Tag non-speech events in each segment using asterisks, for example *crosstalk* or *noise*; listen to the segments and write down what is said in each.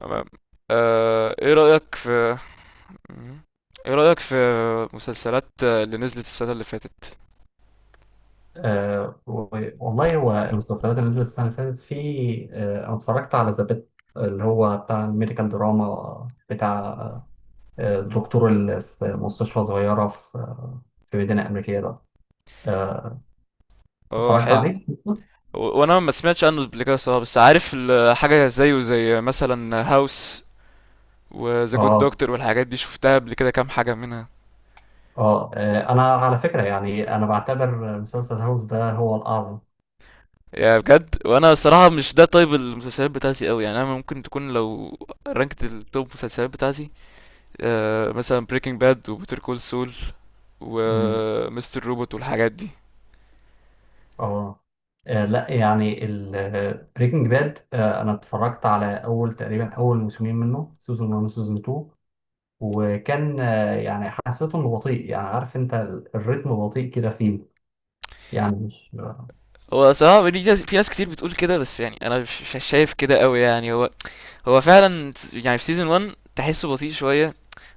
تمام. آه، ايه رأيك في ايه رأيك في مسلسلات اللي نزلت السنة اللي فاتت. والله هو المسلسلات اللي نزلت السنة اللي فاتت في آه أنا اتفرجت على ذا بيت، اللي هو بتاع الميديكال دراما، بتاع الدكتور اللي في مستشفى صغيرة في مدينة أمريكية ده. آه اه، اتفرجت حلو. عليه؟ وانا ما سمعتش عنه قبل كده صراحة، بس عارف حاجة زيه، زي مثلا هاوس وذا جود آه دكتور والحاجات دي شفتها قبل كده كام حاجة منها. أنا على فكرة يعني أنا بعتبر مسلسل هاوس ده هو الأعظم. يا بجد، وانا صراحة مش ده طيب المسلسلات بتاعتي قوي، يعني انا ممكن تكون لو رانكت التوب مسلسلات بتاعتي، مثلا بريكنج باد وبيتر كول سول مم. ومستر روبوت والحاجات دي. آه لا، يعني بريكنج باد انا اتفرجت على تقريبا اول موسمين منه، سيزون 1 وسيزون 2، وكان يعني حسيته انه بطيء، يعني عارف انت الريتم بطيء كده فيه، يعني مش. هو صراحة دي ناس، في ناس كتير بتقول كده، بس يعني أنا مش شايف كده أوي، يعني هو فعلا، يعني في سيزون 1 تحسه بطيء شوية،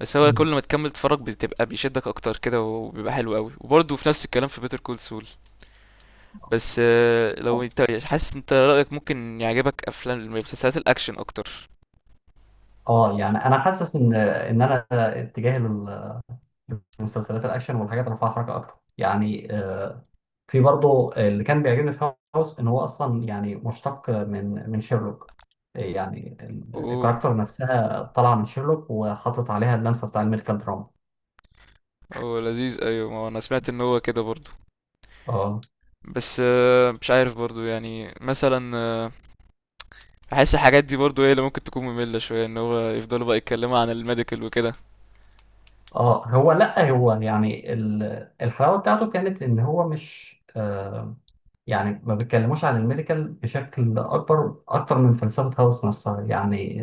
بس هو كل ما تكمل تتفرج بتبقى بيشدك أكتر كده وبيبقى حلو أوي، وبرضه في نفس الكلام في بيتر كول سول. بس لو أنت حاسس أنت رأيك ممكن يعجبك أفلام مسلسلات الأكشن أكتر. اه، يعني انا حاسس ان انا اتجاهي للمسلسلات الاكشن والحاجات اللي فيها حركه اكتر، يعني في برضه اللي كان بيعجبني في هاوس ان هو اصلا يعني مشتق من شيرلوك، يعني أوه، الكاركتر نفسها طالعه من شيرلوك وحاطط عليها اللمسه بتاع الميديكال دراما. هو لذيذ، أيوة، ما أنا سمعت إن هو كده برضه. اه، بس مش عارف برضه، يعني مثلا بحس الحاجات دي برضو هي اللي ممكن تكون مملة شوية، ان هو يفضلوا بقى يتكلموا عن الميديكال وكده. اه، هو لا، هو يعني الحلاوه بتاعته كانت ان هو مش يعني ما بيتكلموش عن الميديكال بشكل اكبر اكتر من فلسفه هاوس نفسها، يعني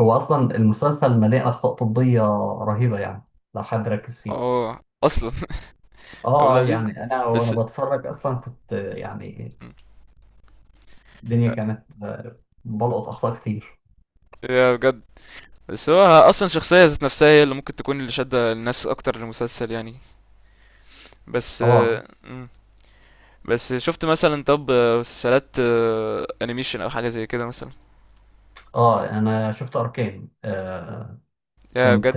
هو اصلا المسلسل مليء اخطاء طبيه رهيبه، يعني لو حد ركز فيه. اه، اصلا *laughs* ابو اه، العزيز، يعني انا وانا بس. بتفرج اصلا كنت يعني الدنيا كانت بلقط اخطاء كتير. يا بجد. بس هو اصلا شخصية ذات نفسها هي اللي ممكن تكون اللي شادة الناس اكتر للمسلسل، يعني. بس اه، مم. بس شفت مثلا، طب مسلسلات انيميشن او حاجة زي كده مثلا؟ اه انا شفت اركان آه يا بجد. كنت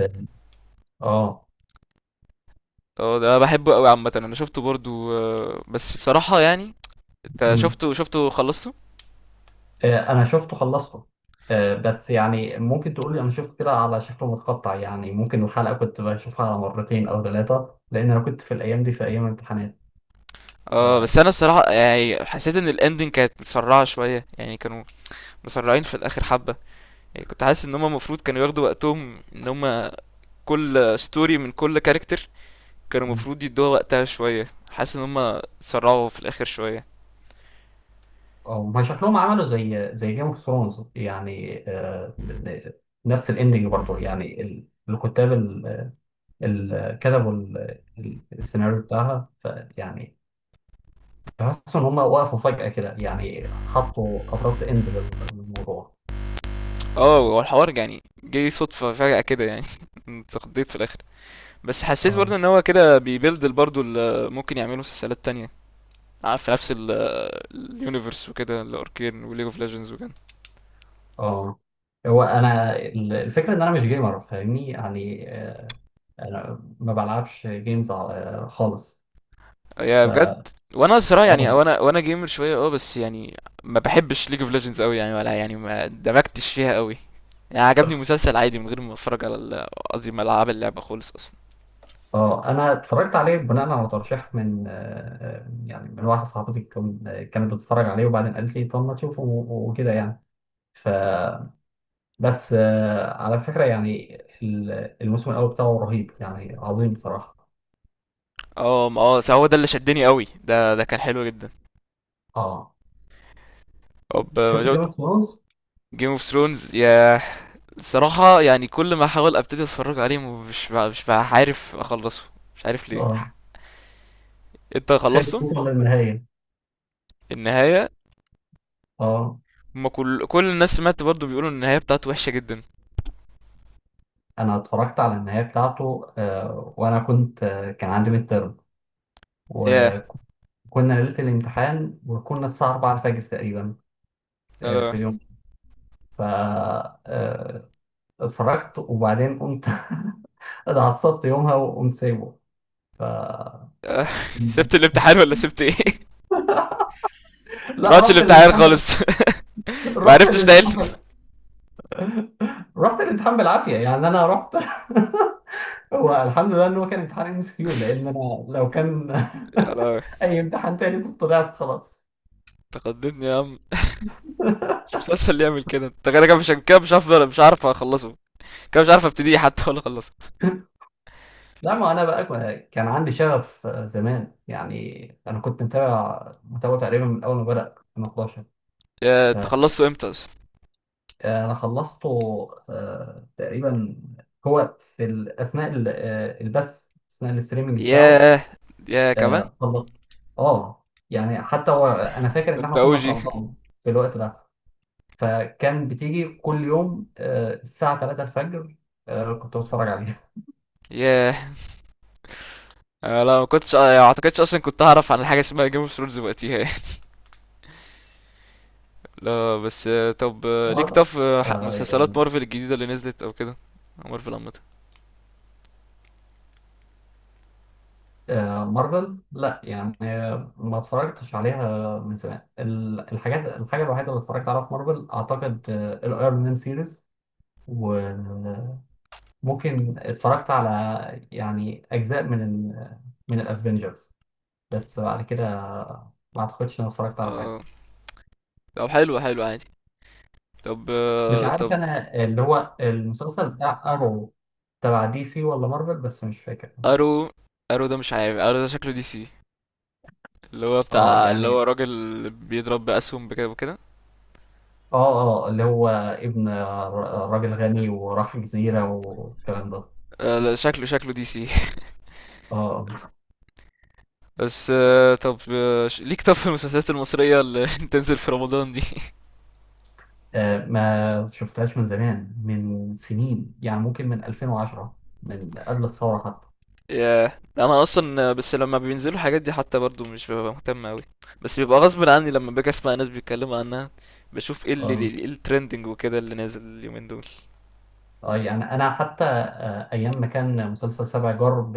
اه اه، ده بحبه قوي عامة، انا شفته برضو، بس الصراحة يعني انت شفته خلصته؟ آه، انا شفته خلصته، بس يعني ممكن تقولي انا شفته كده على شكل متقطع، يعني ممكن الحلقة كنت بشوفها على مرتين او ثلاثة، لان انا كنت في الايام دي في ايام امتحانات. اه، بس آه، انا الصراحه يعني حسيت ان الاندنج كانت مسرعه شويه، يعني كانوا مسرعين في الاخر حبه، يعني كنت حاسس ان هم المفروض كانوا ياخدوا وقتهم، ان هم كل ستوري من كل كاركتر كانوا المفروض يدوها وقتها شويه، حاسس ان هم اتسرعوا في الاخر شويه. أو ما شكلهم عملوا زي جيم اوف ثرونز، يعني نفس الاندنج برضه، يعني الكتاب كتبوا السيناريو بتاعها، فيعني بحس ان هم وقفوا فجأة كده، يعني حطوا ابرة اند للموضوع. اه، هو الحوار يعني جه صدفه فجاه كده، يعني *laughs* اتقضيت في الاخر. بس حسيت برضه ان هو كده بيبيلد برضه اللي ممكن يعملوا مسلسلات تانية في نفس اليونيفرس وكده، الاركين وليج اوف ليجندز وكده. اه، هو انا الفكره ان انا مش جيمر، فاهمني، يعني انا ما بلعبش جيمز خالص. يا ف بجد. وانا الصراحه يعني اه، وانا جيمر شويه، اه، بس يعني ما بحبش ليج اوف ليجندز قوي، يعني ولا يعني ما دمجتش فيها قوي، يعني عجبني مسلسل عادي من غير ما اتفرج على قصدي ما العب اللعبه خالص اصلا. اه انا اتفرجت عليه بناء على ترشيح من يعني من واحده صاحبتي كانت بتتفرج عليه وبعدين قالت لي طب ما تشوفه وكده يعني. ف بس على فكره يعني ال- الموسم الاول بتاعه رهيب يعني عظيم بصراحه. اه، ما هو ده اللي شدني قوي، ده كان حلو جدا. اه، شفت جيم طب. اوف ثرونز؟ جيم اوف ثرونز يا، الصراحه يعني كل ما احاول ابتدي اتفرج عليه مش بقى عارف اخلصه، مش عارف ليه. اه، انت خليك خلصته؟ توصل للنهايه. النهايه. اه، ما كل الناس سمعت برضو بيقولوا ان النهايه بتاعته وحشه جدا. انا اتفرجت على النهايه بتاعته، وانا كنت كان عندي ميد ترم، ياه. وكنا ليله الامتحان، وكنا الساعه 4 الفجر تقريبا لا، في لا. اليوم. ف آه، اتفرجت وبعدين قمت *laughs* اتعصبت يومها وقمت سايبه. ف *laughs* *applause* آه، سبت الامتحان ولا سبت ايه؟ *laughs* *applause* لا، رحتش رحت الامتحان الامتحان بال... خالص. *laughs* *applause* ما رحت عرفتش تحل؟ الامتحان بال... رحت الامتحان بالعافيه، يعني انا رحت *laughs* هو الحمد لله ان هو كان امتحان ام اس كيو، لان انا لو كان *laughs* *applause* يلا، *laughs* اي امتحان تاني كنت طلعت خلاص. تقدمني يا عم. مش مسلسل اللي يعمل كده، انت كده كده مش كده، مش هفضل مش عارف اخلصه، كده مش عارف ابتدي حتى ولا اخلصه. لا ما انا بقى كان عندي شغف زمان، يعني انا كنت متابع تقريبا من اول ما بدا 2011، يا تخلصته امتى اصلا؟ فانا خلصته تقريبا هو في اثناء البث، اثناء الاستريمنج بتاعه ياه. يا كمان؟ خلصت. اه، يعني حتى هو انا فاكر ده ان انت احنا كنا في اوجي. رمضان في الوقت ده، فكان بتيجي كل يوم الساعه 3 الفجر كنت بتفرج عليها. *laughs* ياه. لا، ما كنتش، ما اعتقدش اصلا كنت هعرف عن حاجه اسمها جيم اوف ثرونز وقتها *applause* يعني. *laughs* لا، بس طب *laughs* ليك لا. طف آه، مسلسلات يعني مارفل الجديده اللي نزلت او كده، مارفل عامه؟ مارفل، لا يعني ما اتفرجتش عليها من زمان، ال- الحاجات الحاجة الوحيدة اللي اتفرجت عليها في مارفل أعتقد الأيرون مان سيريز، وممكن اتفرجت على يعني أجزاء من من الأفينجرز، بس بعد كده ما أعتقدش إن أنا اتفرجت على حاجة. آه، طب حلو، حلو عادي. طب مش طب عارف أنا اللي هو المسلسل بتاع أرو تبع دي سي ولا مارفل، بس مش فاكر. ارو، ده مش عارف، ارو ده شكله دي سي، اللي هو اه، بتاع، اللي هو يعني راجل بيضرب بأسهم بكده وكده. اه، اه اللي هو ابن راجل غني، وراح جزيرة والكلام ده. لا، شكله دي سي. *laughs* اه، بس طب ليك طب في المسلسلات المصرية اللي *laughs* تنزل في رمضان دي؟ ما شفتهاش من زمان، من سنين، يعني ممكن من 2010، من قبل الثورة حتى. ياه، انا اصلا بس لما بينزلوا الحاجات دي حتى برضو مش ببقى مهتم اوي، بس بيبقى غصب عني لما باجي اسمع ناس بيتكلموا عنها، بشوف ايه اللي اه، الترندنج وكده اللي نازل اليومين دول. يعني أنا حتى أيام ما كان مسلسل سبع جار ب-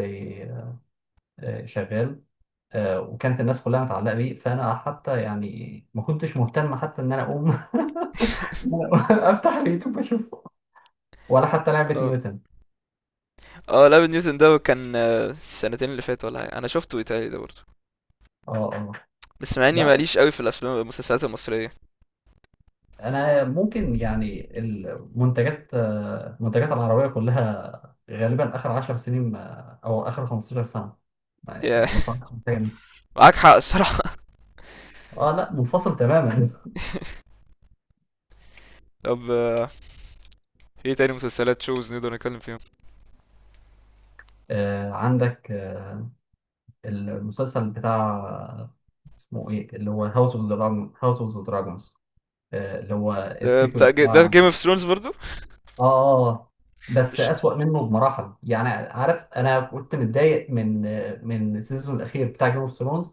آه، شغال وكانت الناس كلها متعلقة بيه، فأنا حتى يعني ما كنتش مهتم حتى إن أنا أقوم *laughs* إن *laughs* أنا أقوم *laughs* أفتح اليوتيوب أشوفه، ولا حتى لعبة اه، نيوتن. اه، لابن نيوتن ده كان السنتين اللي فاتوا ولا حاجة. انا شفته ايطالي ده برضه، *laughs* اه، اه بس مع اني لا، ماليش قوي في الافلام المسلسلات المصريه. انا ممكن يعني المنتجات المنتجات العربيه كلها غالبا اخر 10 سنين او اخر 15 سنه، يا. يعني مثلا سنتين. معاك حق الصراحه. اه، لا منفصل تماما. *laughs* *laughs* طب ايه تاني مسلسلات شوز نقدر نتكلم فيهم؟ آه، عندك المسلسل بتاع، اسمه ايه، اللي هو هاوس اوف دراجونز، اللي هو السيكول بتاع، ده جيم اه، اوف ثرونز برضو. اه بس مش اسوأ منه بمراحل، يعني عارف انا كنت متضايق من من السيزون الاخير بتاع جيم اوف ثرونز،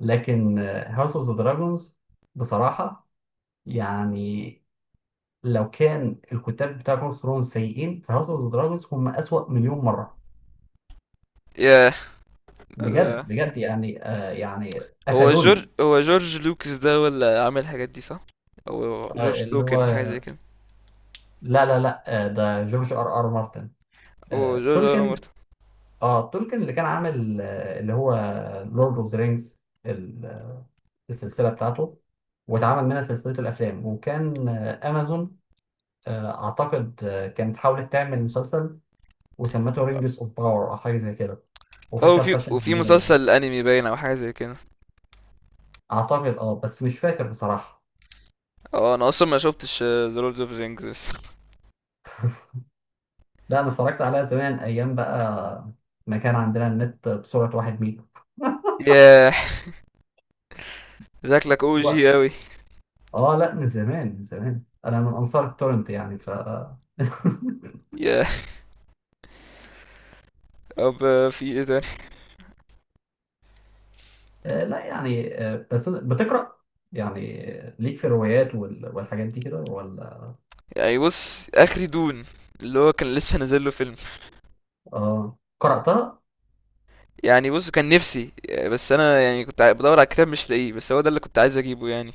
لكن هاوس اوف ذا دراجونز بصراحة يعني لو كان الكتاب بتاع جيم اوف ثرونز سيئين، فهاوس اوف ذا دراجونز هم أسوأ مليون مرة. يا بجد، ده- بجد يعني آه يعني هو جورج قفلوني. هو جورج لوكس ده ولا عامل الحاجات دي صح؟ او آه جورج اللي هو توكن، حاجه زي كده، لا، لا، لا، آه ده جورج ار ار مارتن. او آه جورج ولا تولكن. مرته، اه تولكن اللي كان عامل آه اللي هو لورد اوف ذا رينجز، السلسلة بتاعته واتعمل منها سلسلة الأفلام، وكان أمازون أعتقد كانت حاولت تعمل مسلسل وسمته رينجز اوف باور او حاجه زي كده، او وفشل في فشل ذريع يعني. مسلسل انمي باين او حاجه زي كده. اعتقد اه، بس مش فاكر بصراحه. اه، انا اصلا ما شفتش ذا لورد اوف رينجز. *laughs* لا، انا اتفرجت عليها زمان، ايام بقى ما كان عندنا النت بسرعه واحد ميجا. ياه. شكلك او و- جي اوي. اه لا، من زمان، انا من انصار التورنت، يعني ف. *laughs* ياه. طب في ايه تاني؟ آه، لا يعني آه، بس بتقرا، يعني ليك في الروايات والحاجات دي كده ولا؟ يعني بص، اخري دون اللي هو كان لسه نازل له فيلم، اه، قراتها؟ يعني بص كان نفسي، بس انا يعني كنت بدور على الكتاب مش لاقيه، بس هو ده اللي كنت عايز اجيبه يعني.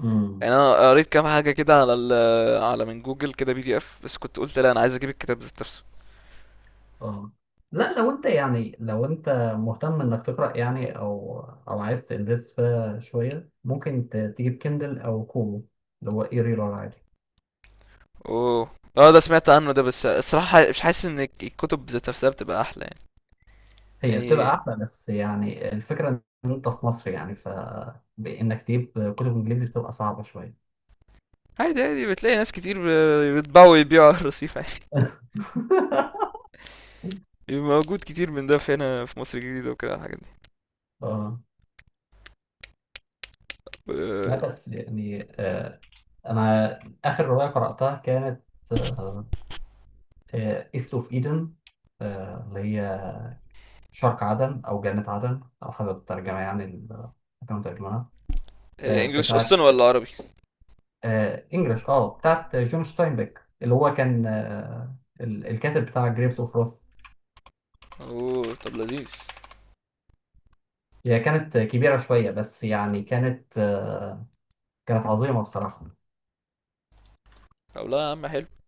مم. يعني انا قريت كام حاجه كده على ال على من جوجل كده بي دي اف، بس كنت قلت لا، انا عايز اجيب الكتاب ذات نفسه. اه لا، لو انت يعني لو انت مهتم انك تقرا يعني او او عايز تنفست فيها شويه، ممكن تجيب كندل او كومو، اللي هو اي ريلر عادي. اوه. اه، ده سمعت عنه ده، بس الصراحه مش حاسس ان الكتب ذات نفسها بتبقى احلى، يعني. هي يعني بتبقى احلى، بس يعني الفكره ان انت في مصر، يعني ف بانك تجيب كتب انجليزي بتبقى صعبه شويه. عادي، عادي بتلاقي ناس كتير بيطبعوا ويبيعوا على الرصيف عادي. *laughs* *laughs* موجود كتير من ده في هنا في مصر الجديدة وكده الحاجات دي. اه لا، بس يعني آه انا اخر روايه قراتها كانت ايست اوف ايدن، اللي هي شرق عدن أو جنة عدن على حسب الترجمة، يعني اللي كانوا ترجمها. آه، انجلش بتاعت اصلا ولا عربي؟ آه، إنجلش، أه بتاعت جون ستاينبيك، اللي هو كان الكاتب بتاع جريفز أوف روث. اوه، طب لذيذ. هي كانت كبيرة شوية بس يعني كانت كانت عظيمة بصراحة. طب لا يا عم، حلو.